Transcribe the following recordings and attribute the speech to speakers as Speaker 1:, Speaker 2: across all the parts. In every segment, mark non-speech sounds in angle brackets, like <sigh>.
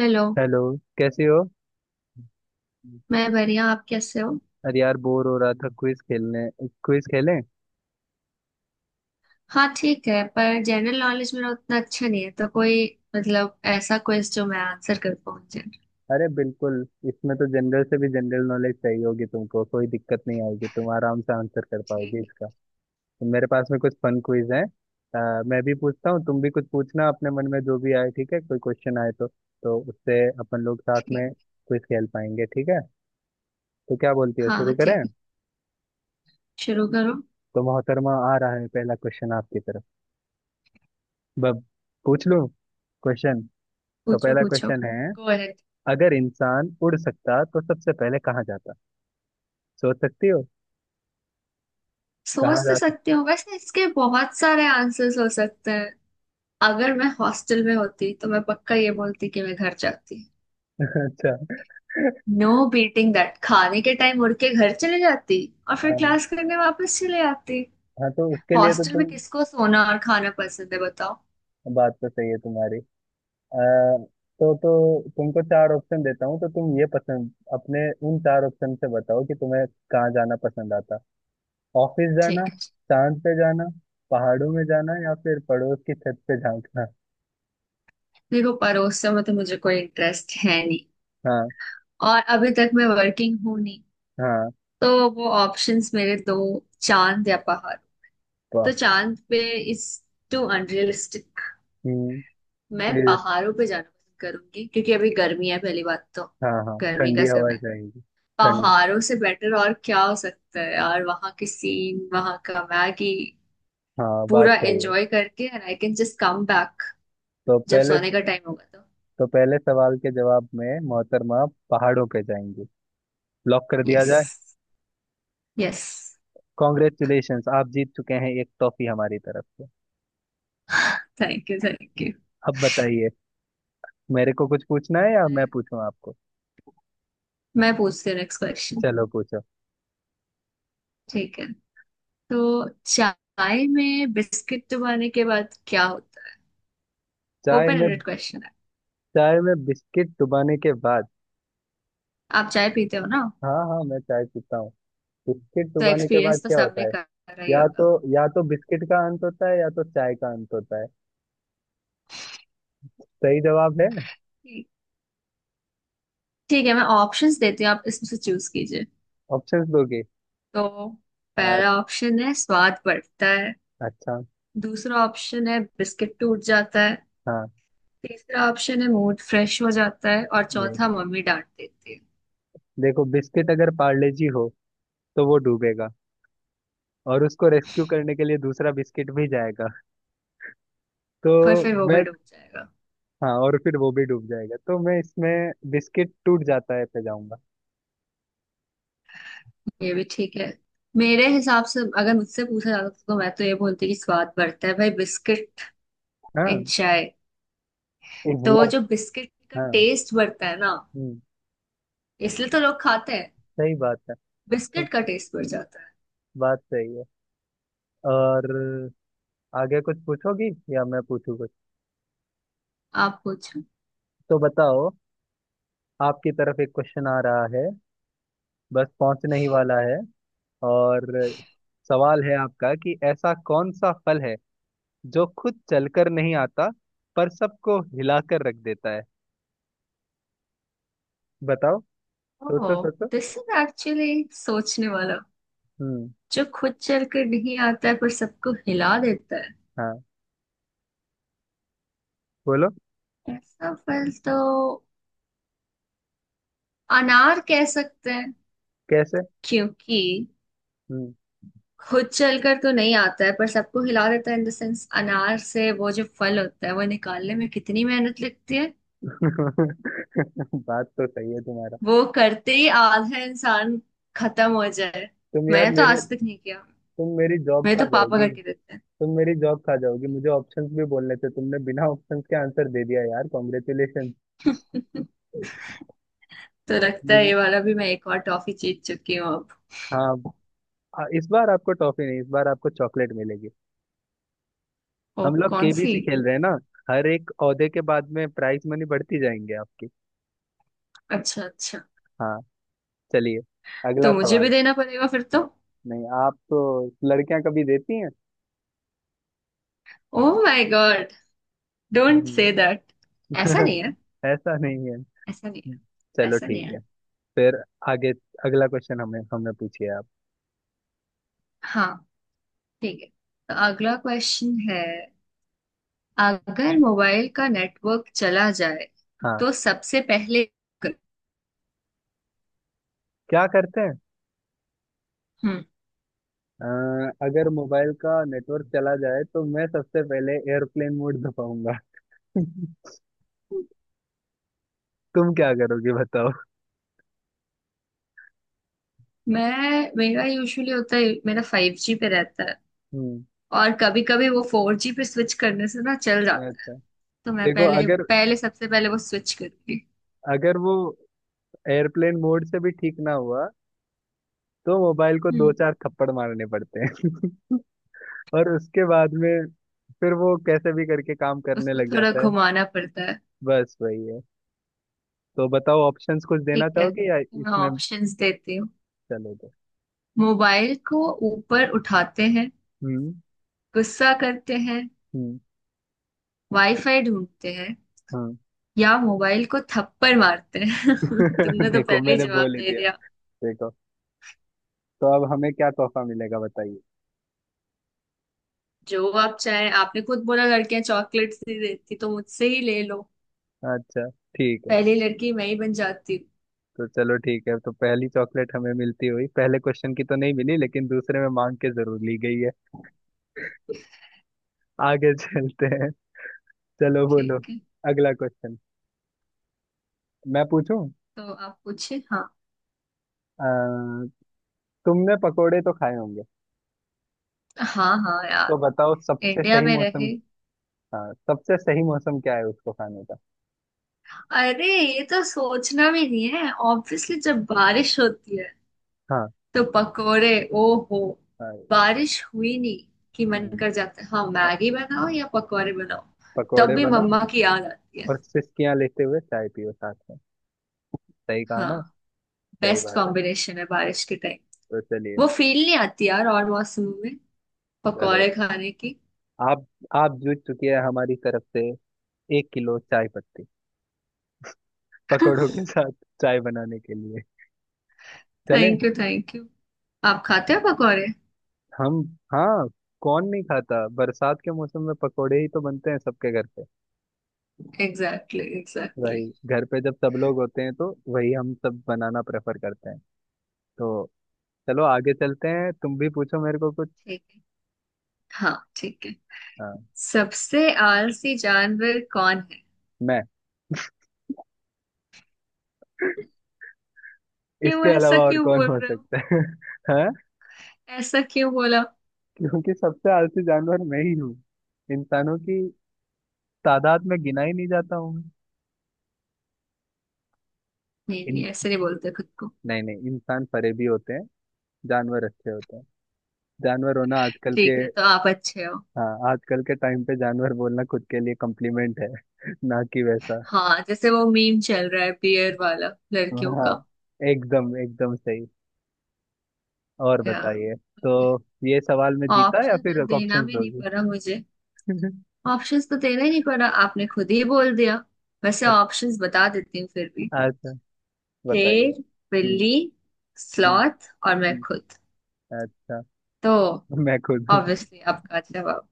Speaker 1: Hello.
Speaker 2: Hello. कैसे हो?
Speaker 1: मैं बढ़िया, आप कैसे हो?
Speaker 2: अरे यार, बोर हो रहा था क्विज खेलने। क्विज खेलें?
Speaker 1: हाँ ठीक है, पर जनरल नॉलेज मेरा उतना अच्छा नहीं है, तो कोई ऐसा क्वेश्चन जो मैं आंसर कर पाऊँ, जनरल।
Speaker 2: अरे बिल्कुल। इसमें तो जनरल से भी जनरल नॉलेज चाहिए होगी, तुमको कोई दिक्कत नहीं आएगी, तुम आराम से आंसर कर
Speaker 1: ठीक।
Speaker 2: पाओगे इसका। तो मेरे पास में कुछ फन क्विज है। मैं भी पूछता हूँ, तुम भी कुछ पूछना अपने मन में जो भी आए। ठीक है? कोई क्वेश्चन आए तो उससे अपन लोग साथ
Speaker 1: ठीक।
Speaker 2: में क्विज खेल पाएंगे। ठीक है? तो क्या बोलती हो,
Speaker 1: हाँ
Speaker 2: शुरू करें?
Speaker 1: ठीक। शुरू करो।
Speaker 2: तो मोहतरमा, आ रहा है पहला क्वेश्चन आपकी तरफ। बब पूछ लूं क्वेश्चन? तो
Speaker 1: पूछो
Speaker 2: पहला
Speaker 1: पूछो।
Speaker 2: क्वेश्चन है।
Speaker 1: Go ahead.
Speaker 2: अगर इंसान उड़ सकता तो सबसे पहले कहाँ जाता? सोच सकती हो?
Speaker 1: सोच
Speaker 2: कहाँ
Speaker 1: तो
Speaker 2: जा सकता?
Speaker 1: सकती हूँ, वैसे इसके बहुत सारे आंसर्स हो सकते हैं। अगर मैं हॉस्टल में होती तो मैं पक्का ये बोलती कि मैं घर जाती।
Speaker 2: <laughs> अच्छा।
Speaker 1: नो बीटिंग दैट, खाने के टाइम उड़ के घर चले जाती और फिर
Speaker 2: हाँ।
Speaker 1: क्लास करने वापस चले आती।
Speaker 2: हाँ, तो उसके लिए तो
Speaker 1: हॉस्टल में
Speaker 2: तुम।
Speaker 1: किसको सोना और खाना पसंद है बताओ।
Speaker 2: बात तो सही है तुम्हारी। आ, तो तुमको चार ऑप्शन देता हूँ, तो तुम ये पसंद अपने उन चार ऑप्शन से बताओ कि तुम्हें कहाँ जाना पसंद आता। ऑफिस जाना,
Speaker 1: ठीक है।
Speaker 2: चांद पे जाना, पहाड़ों में जाना, या फिर पड़ोस की छत पे झांकना।
Speaker 1: देखो परोसा में तो मुझे कोई इंटरेस्ट है नहीं,
Speaker 2: हाँ।
Speaker 1: और अभी तक मैं वर्किंग हूं नहीं,
Speaker 2: हाँ।
Speaker 1: तो वो ऑप्शंस मेरे दो, चांद या पहाड़।
Speaker 2: वाह।
Speaker 1: तो चांद पे इज टू अनरियलिस्टिक।
Speaker 2: हम्म।
Speaker 1: मैं
Speaker 2: ये-
Speaker 1: पहाड़ों पे जाना पसंद करूंगी क्योंकि अभी गर्मी है पहली बात तो।
Speaker 2: हाँ, हाँ,
Speaker 1: गर्मी का
Speaker 2: ठंडी हवा
Speaker 1: समय
Speaker 2: चाहिए। ठंड।
Speaker 1: पहाड़ों से बेटर और क्या हो सकता है यार, वहां की सीन, वहां का मैगी
Speaker 2: हाँ, बात
Speaker 1: पूरा
Speaker 2: सही है।
Speaker 1: एंजॉय करके, and I can just come back
Speaker 2: तो
Speaker 1: जब
Speaker 2: पहले
Speaker 1: सोने का टाइम होगा तो।
Speaker 2: तो पहले सवाल के जवाब में, मोहतरमा, पहाड़ों पे जाएंगी। लॉक कर दिया
Speaker 1: यस।
Speaker 2: जाए।
Speaker 1: यस।
Speaker 2: कॉन्ग्रेचुलेशंस, आप जीत चुके हैं एक टॉफी हमारी तरफ से।
Speaker 1: Thank you thank you.
Speaker 2: अब बताइए, मेरे को कुछ पूछना है या मैं
Speaker 1: मैं
Speaker 2: पूछूं आपको?
Speaker 1: मैं पूछती हूँ नेक्स्ट क्वेश्चन।
Speaker 2: चलो, पूछो।
Speaker 1: ठीक है। तो चाय में बिस्किट डुबाने के बाद क्या होता है?
Speaker 2: चाय
Speaker 1: ओपन
Speaker 2: में
Speaker 1: एंडेड क्वेश्चन है।
Speaker 2: चाय में बिस्किट डुबाने के बाद।
Speaker 1: आप चाय पीते हो ना?
Speaker 2: हाँ, हाँ, मैं चाय पीता हूँ। बिस्किट
Speaker 1: तो
Speaker 2: डुबाने के बाद
Speaker 1: एक्सपीरियंस तो
Speaker 2: क्या
Speaker 1: सबने
Speaker 2: होता है?
Speaker 1: कर रहा ही
Speaker 2: या
Speaker 1: होगा।
Speaker 2: तो या तो बिस्किट का अंत होता है या तो चाय का अंत होता है। सही जवाब है।
Speaker 1: ठीक। ठीक है, मैं ऑप्शंस देती हूँ, आप इसमें से चूज कीजिए।
Speaker 2: ऑप्शंस दोगे?
Speaker 1: तो
Speaker 2: अ-
Speaker 1: पहला ऑप्शन है स्वाद बढ़ता है।
Speaker 2: अच्छा।
Speaker 1: दूसरा ऑप्शन है बिस्किट टूट जाता है।
Speaker 2: हाँ।
Speaker 1: तीसरा ऑप्शन है मूड फ्रेश हो जाता है और
Speaker 2: जी,
Speaker 1: चौथा मम्मी डांट देती है।
Speaker 2: देखो बिस्किट अगर पार्ले जी हो तो वो डूबेगा, और उसको रेस्क्यू करने के लिए दूसरा बिस्किट भी जाएगा। तो
Speaker 1: पर फिर वो
Speaker 2: मैं।
Speaker 1: भी डूब जाएगा।
Speaker 2: हाँ, और फिर वो भी डूब जाएगा, तो मैं इसमें बिस्किट टूट जाता है पे जाऊंगा।
Speaker 1: ये भी ठीक है। मेरे हिसाब से अगर मुझसे पूछा जाता तो मैं तो ये बोलती कि स्वाद बढ़ता है भाई, बिस्किट एंड
Speaker 2: हाँ।
Speaker 1: चाय। तो वो
Speaker 2: इजला।
Speaker 1: जो बिस्किट का
Speaker 2: हाँ।
Speaker 1: टेस्ट बढ़ता है ना,
Speaker 2: हम्म।
Speaker 1: इसलिए तो लोग खाते हैं।
Speaker 2: सही बात है। तो
Speaker 1: बिस्किट का टेस्ट बढ़ जाता है।
Speaker 2: बात सही है। और आगे कुछ पूछोगी या मैं पूछूं कुछ?
Speaker 1: आप पूछो।
Speaker 2: तो बताओ, आपकी तरफ एक क्वेश्चन आ रहा है, बस पहुंचने ही वाला है। और सवाल है आपका कि ऐसा कौन सा फल है जो खुद चलकर नहीं आता पर सबको हिलाकर रख देता है? बताओ। सोचो,
Speaker 1: ओह,
Speaker 2: सोचो।
Speaker 1: दिस इज एक्चुअली सोचने वाला।
Speaker 2: हम्म।
Speaker 1: जो खुद चल कर नहीं आता है पर सबको हिला देता
Speaker 2: हाँ, बोलो।
Speaker 1: है, ऐसा फल तो अनार कह सकते हैं।
Speaker 2: कैसे?
Speaker 1: क्योंकि
Speaker 2: हम्म।
Speaker 1: खुद चलकर तो नहीं आता है पर सबको हिला देता है। इन द सेंस अनार से वो जो फल होता है, वो निकालने में कितनी मेहनत लगती है।
Speaker 2: <laughs> बात तो सही है तुम्हारा।
Speaker 1: वो करते ही आधा इंसान खत्म हो जाए।
Speaker 2: तुम यार
Speaker 1: मैंने तो
Speaker 2: मेरे।
Speaker 1: आज तक नहीं किया,
Speaker 2: तुम मेरी जॉब
Speaker 1: मेरे
Speaker 2: खा
Speaker 1: तो पापा
Speaker 2: जाओगी।
Speaker 1: करके देते
Speaker 2: तुम मेरी जॉब खा जाओगी, मुझे ऑप्शंस भी बोलने थे, तुमने बिना ऑप्शंस के आंसर दे दिया यार। कॉन्ग्रेचुलेशन।
Speaker 1: हैं। <laughs> तो लगता है
Speaker 2: मुझे।
Speaker 1: ये वाला भी मैं एक और टॉफी जीत चुकी हूँ अब।
Speaker 2: हाँ। इस बार आपको टॉफी नहीं, इस बार आपको चॉकलेट मिलेगी।
Speaker 1: ओ
Speaker 2: हम लोग
Speaker 1: कौन सी?
Speaker 2: केबीसी खेल रहे हैं ना। हर एक ओहदे के बाद में प्राइस मनी बढ़ती जाएंगे आपकी।
Speaker 1: अच्छा अच्छा।
Speaker 2: हाँ, चलिए, अगला
Speaker 1: तो मुझे भी
Speaker 2: सवाल।
Speaker 1: देना पड़ेगा फिर तो।
Speaker 2: नहीं, आप तो, लड़कियां कभी देती
Speaker 1: oh my god, don't say
Speaker 2: हैं।
Speaker 1: दैट। ऐसा
Speaker 2: <laughs>
Speaker 1: नहीं है।
Speaker 2: ऐसा नहीं है।
Speaker 1: ऐसा नहीं है।
Speaker 2: चलो
Speaker 1: ऐसा नहीं
Speaker 2: ठीक है।
Speaker 1: है।
Speaker 2: फिर आगे अगला क्वेश्चन हमें हमने पूछिए आप।
Speaker 1: हाँ ठीक है। तो अगला क्वेश्चन है, अगर मोबाइल का नेटवर्क चला जाए
Speaker 2: हाँ।
Speaker 1: तो सबसे पहले।
Speaker 2: क्या करते हैं?
Speaker 1: हम्म।
Speaker 2: अ, अगर मोबाइल का नेटवर्क चला जाए तो मैं सबसे पहले एयरप्लेन मोड दबाऊंगा। <laughs> तुम क्या करोगे, बताओ।
Speaker 1: मैं मेरा यूजुअली होता है, मेरा 5G पे रहता है
Speaker 2: हम्म।
Speaker 1: और कभी कभी वो 4G पे स्विच करने से ना चल जाता है।
Speaker 2: अच्छा।
Speaker 1: तो मैं
Speaker 2: देखो,
Speaker 1: पहले
Speaker 2: अगर
Speaker 1: पहले सबसे पहले वो स्विच करूंगी।
Speaker 2: अगर वो एयरप्लेन मोड से भी ठीक ना हुआ, तो मोबाइल को दो
Speaker 1: हम्म।
Speaker 2: चार थप्पड़ मारने पड़ते हैं। <laughs> और उसके बाद में फिर वो कैसे भी करके काम करने
Speaker 1: उसको
Speaker 2: लग
Speaker 1: थोड़ा
Speaker 2: जाता है।
Speaker 1: घुमाना पड़ता है।
Speaker 2: बस वही है। तो बताओ, ऑप्शंस कुछ देना
Speaker 1: ठीक है
Speaker 2: चाहोगे या
Speaker 1: तो मैं
Speaker 2: इसमें?
Speaker 1: ऑप्शंस देती हूँ।
Speaker 2: चले तो।
Speaker 1: मोबाइल को ऊपर उठाते हैं,
Speaker 2: हम्म।
Speaker 1: गुस्सा करते हैं,
Speaker 2: हम्म।
Speaker 1: वाईफाई ढूंढते हैं
Speaker 2: हाँ।
Speaker 1: या मोबाइल को थप्पड़ मारते हैं। <laughs>
Speaker 2: <laughs>
Speaker 1: तुमने तो
Speaker 2: देखो,
Speaker 1: पहले ही
Speaker 2: मैंने
Speaker 1: जवाब
Speaker 2: बोल ही
Speaker 1: दे
Speaker 2: दिया।
Speaker 1: दिया।
Speaker 2: देखो, तो अब हमें क्या तोहफा मिलेगा बताइए?
Speaker 1: जो आप चाहे, आपने खुद बोला लड़कियां चॉकलेट ही देती, तो मुझसे ही ले लो।
Speaker 2: अच्छा, ठीक है।
Speaker 1: पहली लड़की मैं ही बन जाती हूँ।
Speaker 2: तो चलो ठीक है, तो पहली चॉकलेट हमें मिलती हुई पहले क्वेश्चन की तो नहीं मिली, लेकिन दूसरे में मांग के जरूर ली गई है। आगे <laughs> चलते हैं। चलो, बोलो।
Speaker 1: ठीक है,
Speaker 2: अगला क्वेश्चन मैं पूछूं?
Speaker 1: तो आप पूछे हाँ।
Speaker 2: अ, तुमने पकोड़े तो खाए होंगे।
Speaker 1: हाँ हाँ
Speaker 2: तो
Speaker 1: यार।
Speaker 2: बताओ सबसे
Speaker 1: इंडिया
Speaker 2: सही
Speaker 1: में
Speaker 2: मौसम।
Speaker 1: रहे।
Speaker 2: हाँ, सबसे सही मौसम क्या है उसको खाने का?
Speaker 1: अरे ये तो सोचना भी नहीं है, ऑब्वियसली जब बारिश होती है तो पकोड़े। ओहो।
Speaker 2: हाँ।
Speaker 1: बारिश हुई नहीं कि मन
Speaker 2: हम्म।
Speaker 1: कर जाता है, हाँ
Speaker 2: प-
Speaker 1: मैगी बनाओ या पकोड़े बनाओ। तब
Speaker 2: पकोड़े
Speaker 1: भी
Speaker 2: बनाओ
Speaker 1: मम्मा की याद आती है।
Speaker 2: और सिसकियां लेते हुए चाय पियो साथ में। सही कहा ना?
Speaker 1: हाँ।
Speaker 2: सही
Speaker 1: बेस्ट
Speaker 2: बात है।
Speaker 1: कॉम्बिनेशन है बारिश के टाइम।
Speaker 2: तो चलिए,
Speaker 1: वो फील नहीं आती यार और मौसमों में,
Speaker 2: चलो,
Speaker 1: पकौड़े खाने की।
Speaker 2: आप आप जीत चुकी है हमारी तरफ से एक किलो चाय पत्ती, पकौड़ों
Speaker 1: <laughs>
Speaker 2: के साथ चाय बनाने के लिए। चले?
Speaker 1: Thank you thank you. आप खाते हो पकौड़े?
Speaker 2: हम। हाँ, कौन नहीं खाता? बरसात के मौसम में पकोड़े ही तो बनते हैं सबके घर पे।
Speaker 1: एग्जैक्टली
Speaker 2: वही
Speaker 1: एग्जैक्टली।
Speaker 2: घर पे जब सब लोग होते हैं तो वही हम सब बनाना प्रेफर करते हैं। तो चलो आगे चलते हैं, तुम भी पूछो मेरे को कुछ।
Speaker 1: ठीक है। हाँ ठीक है।
Speaker 2: हाँ।
Speaker 1: सबसे आलसी जानवर कौन है?
Speaker 2: मैं।
Speaker 1: क्यों
Speaker 2: इसके
Speaker 1: ऐसा
Speaker 2: अलावा और
Speaker 1: क्यों
Speaker 2: कौन
Speaker 1: बोल
Speaker 2: हो
Speaker 1: रहे हो?
Speaker 2: सकता है? <laughs> हाँ,
Speaker 1: ऐसा क्यों बोला?
Speaker 2: क्योंकि सबसे आलसी जानवर मैं ही हूँ। इंसानों की तादाद में गिना ही नहीं जाता हूँ मैं।
Speaker 1: नहीं
Speaker 2: इन
Speaker 1: नहीं ऐसे नहीं बोलते खुद को।
Speaker 2: नहीं, नहीं, इंसान फरे भी होते हैं। जानवर अच्छे होते हैं। जानवर होना आजकल के।
Speaker 1: ठीक है तो आप अच्छे हो।
Speaker 2: हाँ, आजकल के टाइम पे जानवर बोलना खुद के लिए कॉम्प्लीमेंट है। <laughs> ना कि वैसा।
Speaker 1: हाँ जैसे वो मीम चल रहा है, बियर वाला, लड़कियों
Speaker 2: हाँ,
Speaker 1: का।
Speaker 2: एकदम, एकदम सही। और
Speaker 1: या
Speaker 2: बताइए। तो ये सवाल मैं जीता या
Speaker 1: ऑप्शन
Speaker 2: फिर
Speaker 1: तो देना
Speaker 2: ऑप्शंस
Speaker 1: भी नहीं
Speaker 2: दोगी?
Speaker 1: पड़ा मुझे।
Speaker 2: <laughs>
Speaker 1: ऑप्शंस तो देना ही नहीं पड़ा, आपने खुद ही बोल दिया। वैसे ऑप्शंस बता देती हूँ फिर भी।
Speaker 2: अच्छा, बताइए।
Speaker 1: शेर,
Speaker 2: हम्म।
Speaker 1: बिल्ली,
Speaker 2: हम्म।
Speaker 1: स्लॉथ और मैं
Speaker 2: हम्म।
Speaker 1: खुद।
Speaker 2: अच्छा।
Speaker 1: तो
Speaker 2: मैं खुद हूँ।
Speaker 1: ऑब्वियसली आपका जवाब।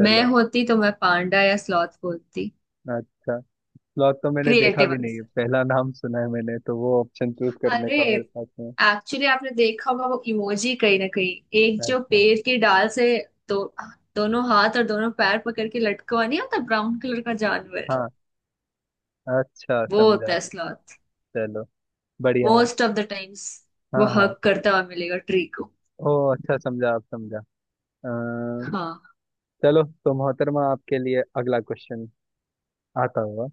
Speaker 1: मैं होती तो मैं पांडा या स्लॉथ बोलती।
Speaker 2: अच्छा, स्लॉथ तो मैंने देखा
Speaker 1: क्रिएटिव
Speaker 2: भी नहीं है,
Speaker 1: आंसर।
Speaker 2: पहला नाम सुना है मैंने, तो वो ऑप्शन चूज करने
Speaker 1: अरे
Speaker 2: का मेरे पास में।
Speaker 1: एक्चुअली आपने देखा होगा वो इमोजी कहीं ना कहीं, एक जो
Speaker 2: अच्छा।
Speaker 1: पेड़ की डाल से दो दोनों हाथ और दोनों पैर पकड़ के लटका हुआ नहीं होता, ब्राउन कलर का जानवर,
Speaker 2: हाँ, अच्छा
Speaker 1: वो होता
Speaker 2: समझा।
Speaker 1: है स्लॉथ।
Speaker 2: चलो, बढ़िया है।
Speaker 1: मोस्ट ऑफ द टाइम्स वो
Speaker 2: हाँ, हाँ।
Speaker 1: हक करता हुआ मिलेगा ट्री को।
Speaker 2: ओ, अच्छा समझा, आप समझा। अ,
Speaker 1: हाँ।
Speaker 2: चलो तो मोहतरमा आपके लिए अगला क्वेश्चन आता हुआ।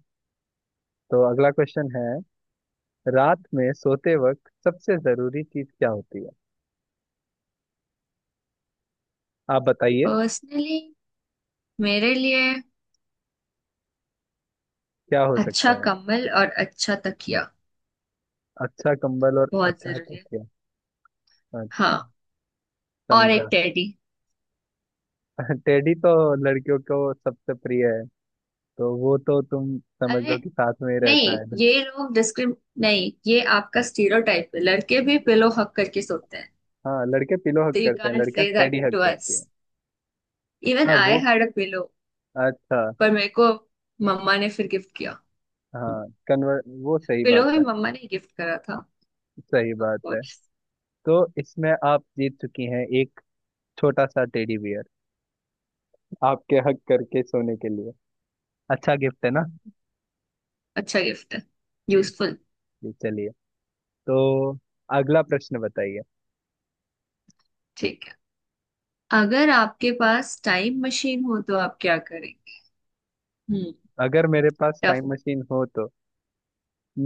Speaker 2: तो अगला क्वेश्चन है, रात में सोते वक्त सबसे जरूरी चीज क्या होती है? आप बताइए,
Speaker 1: पर्सनली मेरे लिए
Speaker 2: क्या हो
Speaker 1: अच्छा
Speaker 2: सकता है?
Speaker 1: कम्बल और अच्छा तकिया
Speaker 2: अच्छा कंबल और
Speaker 1: बहुत
Speaker 2: अच्छा
Speaker 1: जरूरी है।
Speaker 2: तकिया। अ,
Speaker 1: हाँ और एक
Speaker 2: समझा।
Speaker 1: टेडी।
Speaker 2: <laughs> टेडी तो लड़कियों को सबसे प्रिय है। तो वो तो तुम समझ
Speaker 1: अरे
Speaker 2: लो कि साथ में ही रहता
Speaker 1: नहीं
Speaker 2: है।
Speaker 1: ये लोग डिस्क्रिम, नहीं ये आपका स्टीरियोटाइप है, लड़के भी पिलो हक करके सोते हैं।
Speaker 2: हाँ, लड़के पिलो हग
Speaker 1: तो यू
Speaker 2: करते हैं,
Speaker 1: कांट
Speaker 2: लड़कियां
Speaker 1: से that
Speaker 2: teddy hug
Speaker 1: to us.
Speaker 2: करती हैं।
Speaker 1: इवन
Speaker 2: हाँ,
Speaker 1: आई
Speaker 2: वो।
Speaker 1: Had a pillow.
Speaker 2: अच्छा।
Speaker 1: पर मेरे को मम्मा ने फिर गिफ्ट किया।
Speaker 2: हाँ, कन्वर वो, सही
Speaker 1: पिलो
Speaker 2: बात
Speaker 1: भी
Speaker 2: है।
Speaker 1: मम्मा ने गिफ्ट करा था।
Speaker 2: सही
Speaker 1: ऑफ
Speaker 2: बात है।
Speaker 1: कोर्स।
Speaker 2: तो इसमें आप जीत चुकी हैं एक छोटा सा टेडी बियर, आपके हग करके सोने के लिए। अच्छा गिफ्ट है ना?
Speaker 1: अच्छा गिफ्ट है।
Speaker 2: जी।
Speaker 1: यूजफुल।
Speaker 2: जी, चलिए। तो अगला प्रश्न बताइए।
Speaker 1: ठीक है। अगर आपके पास टाइम मशीन हो तो आप क्या करेंगे? हम्म।
Speaker 2: अगर मेरे पास टाइम मशीन हो तो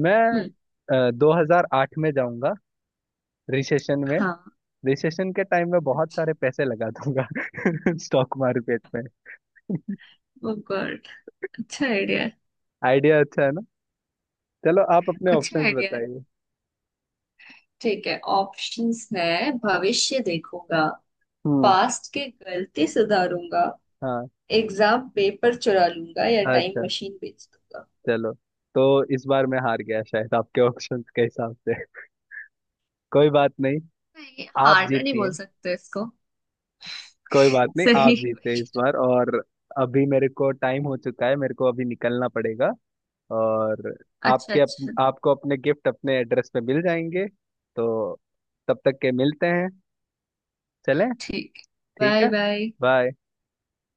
Speaker 2: मैं
Speaker 1: हम्म।
Speaker 2: 2008 में जाऊंगा, रिसेशन में
Speaker 1: हाँ।
Speaker 2: रिसेशन के टाइम में बहुत सारे पैसे लगा दूंगा <laughs> स्टॉक मार्केट में।
Speaker 1: वो गुड। अच्छा आइडिया है।
Speaker 2: आइडिया अच्छा है ना? चलो, आप अपने
Speaker 1: अच्छा
Speaker 2: ऑप्शंस
Speaker 1: आइडिया है।
Speaker 2: बताइए।
Speaker 1: ठीक है, ऑप्शंस है। भविष्य देखूंगा,
Speaker 2: हम्म।
Speaker 1: पास्ट के गलती सुधारूंगा,
Speaker 2: हाँ।
Speaker 1: एग्जाम पेपर चुरा लूंगा या टाइम
Speaker 2: अच्छा।
Speaker 1: मशीन बेच दूंगा।
Speaker 2: चलो, तो इस बार मैं हार गया शायद आपके ऑप्शंस के हिसाब से। कोई बात नहीं,
Speaker 1: नहीं,
Speaker 2: आप
Speaker 1: हार्ड नहीं
Speaker 2: जीती
Speaker 1: बोल
Speaker 2: हैं।
Speaker 1: सकते इसको।
Speaker 2: कोई बात नहीं, आप
Speaker 1: सही
Speaker 2: जीते इस
Speaker 1: question।
Speaker 2: बार। और अभी मेरे को टाइम हो चुका है, मेरे को अभी निकलना पड़ेगा। और
Speaker 1: अच्छा अच्छा।
Speaker 2: आपको अपने गिफ्ट अपने एड्रेस पे मिल जाएंगे। तो तब तक के मिलते हैं। चलें?
Speaker 1: ठीक।
Speaker 2: ठीक
Speaker 1: बाय
Speaker 2: है।
Speaker 1: बाय।
Speaker 2: बाय।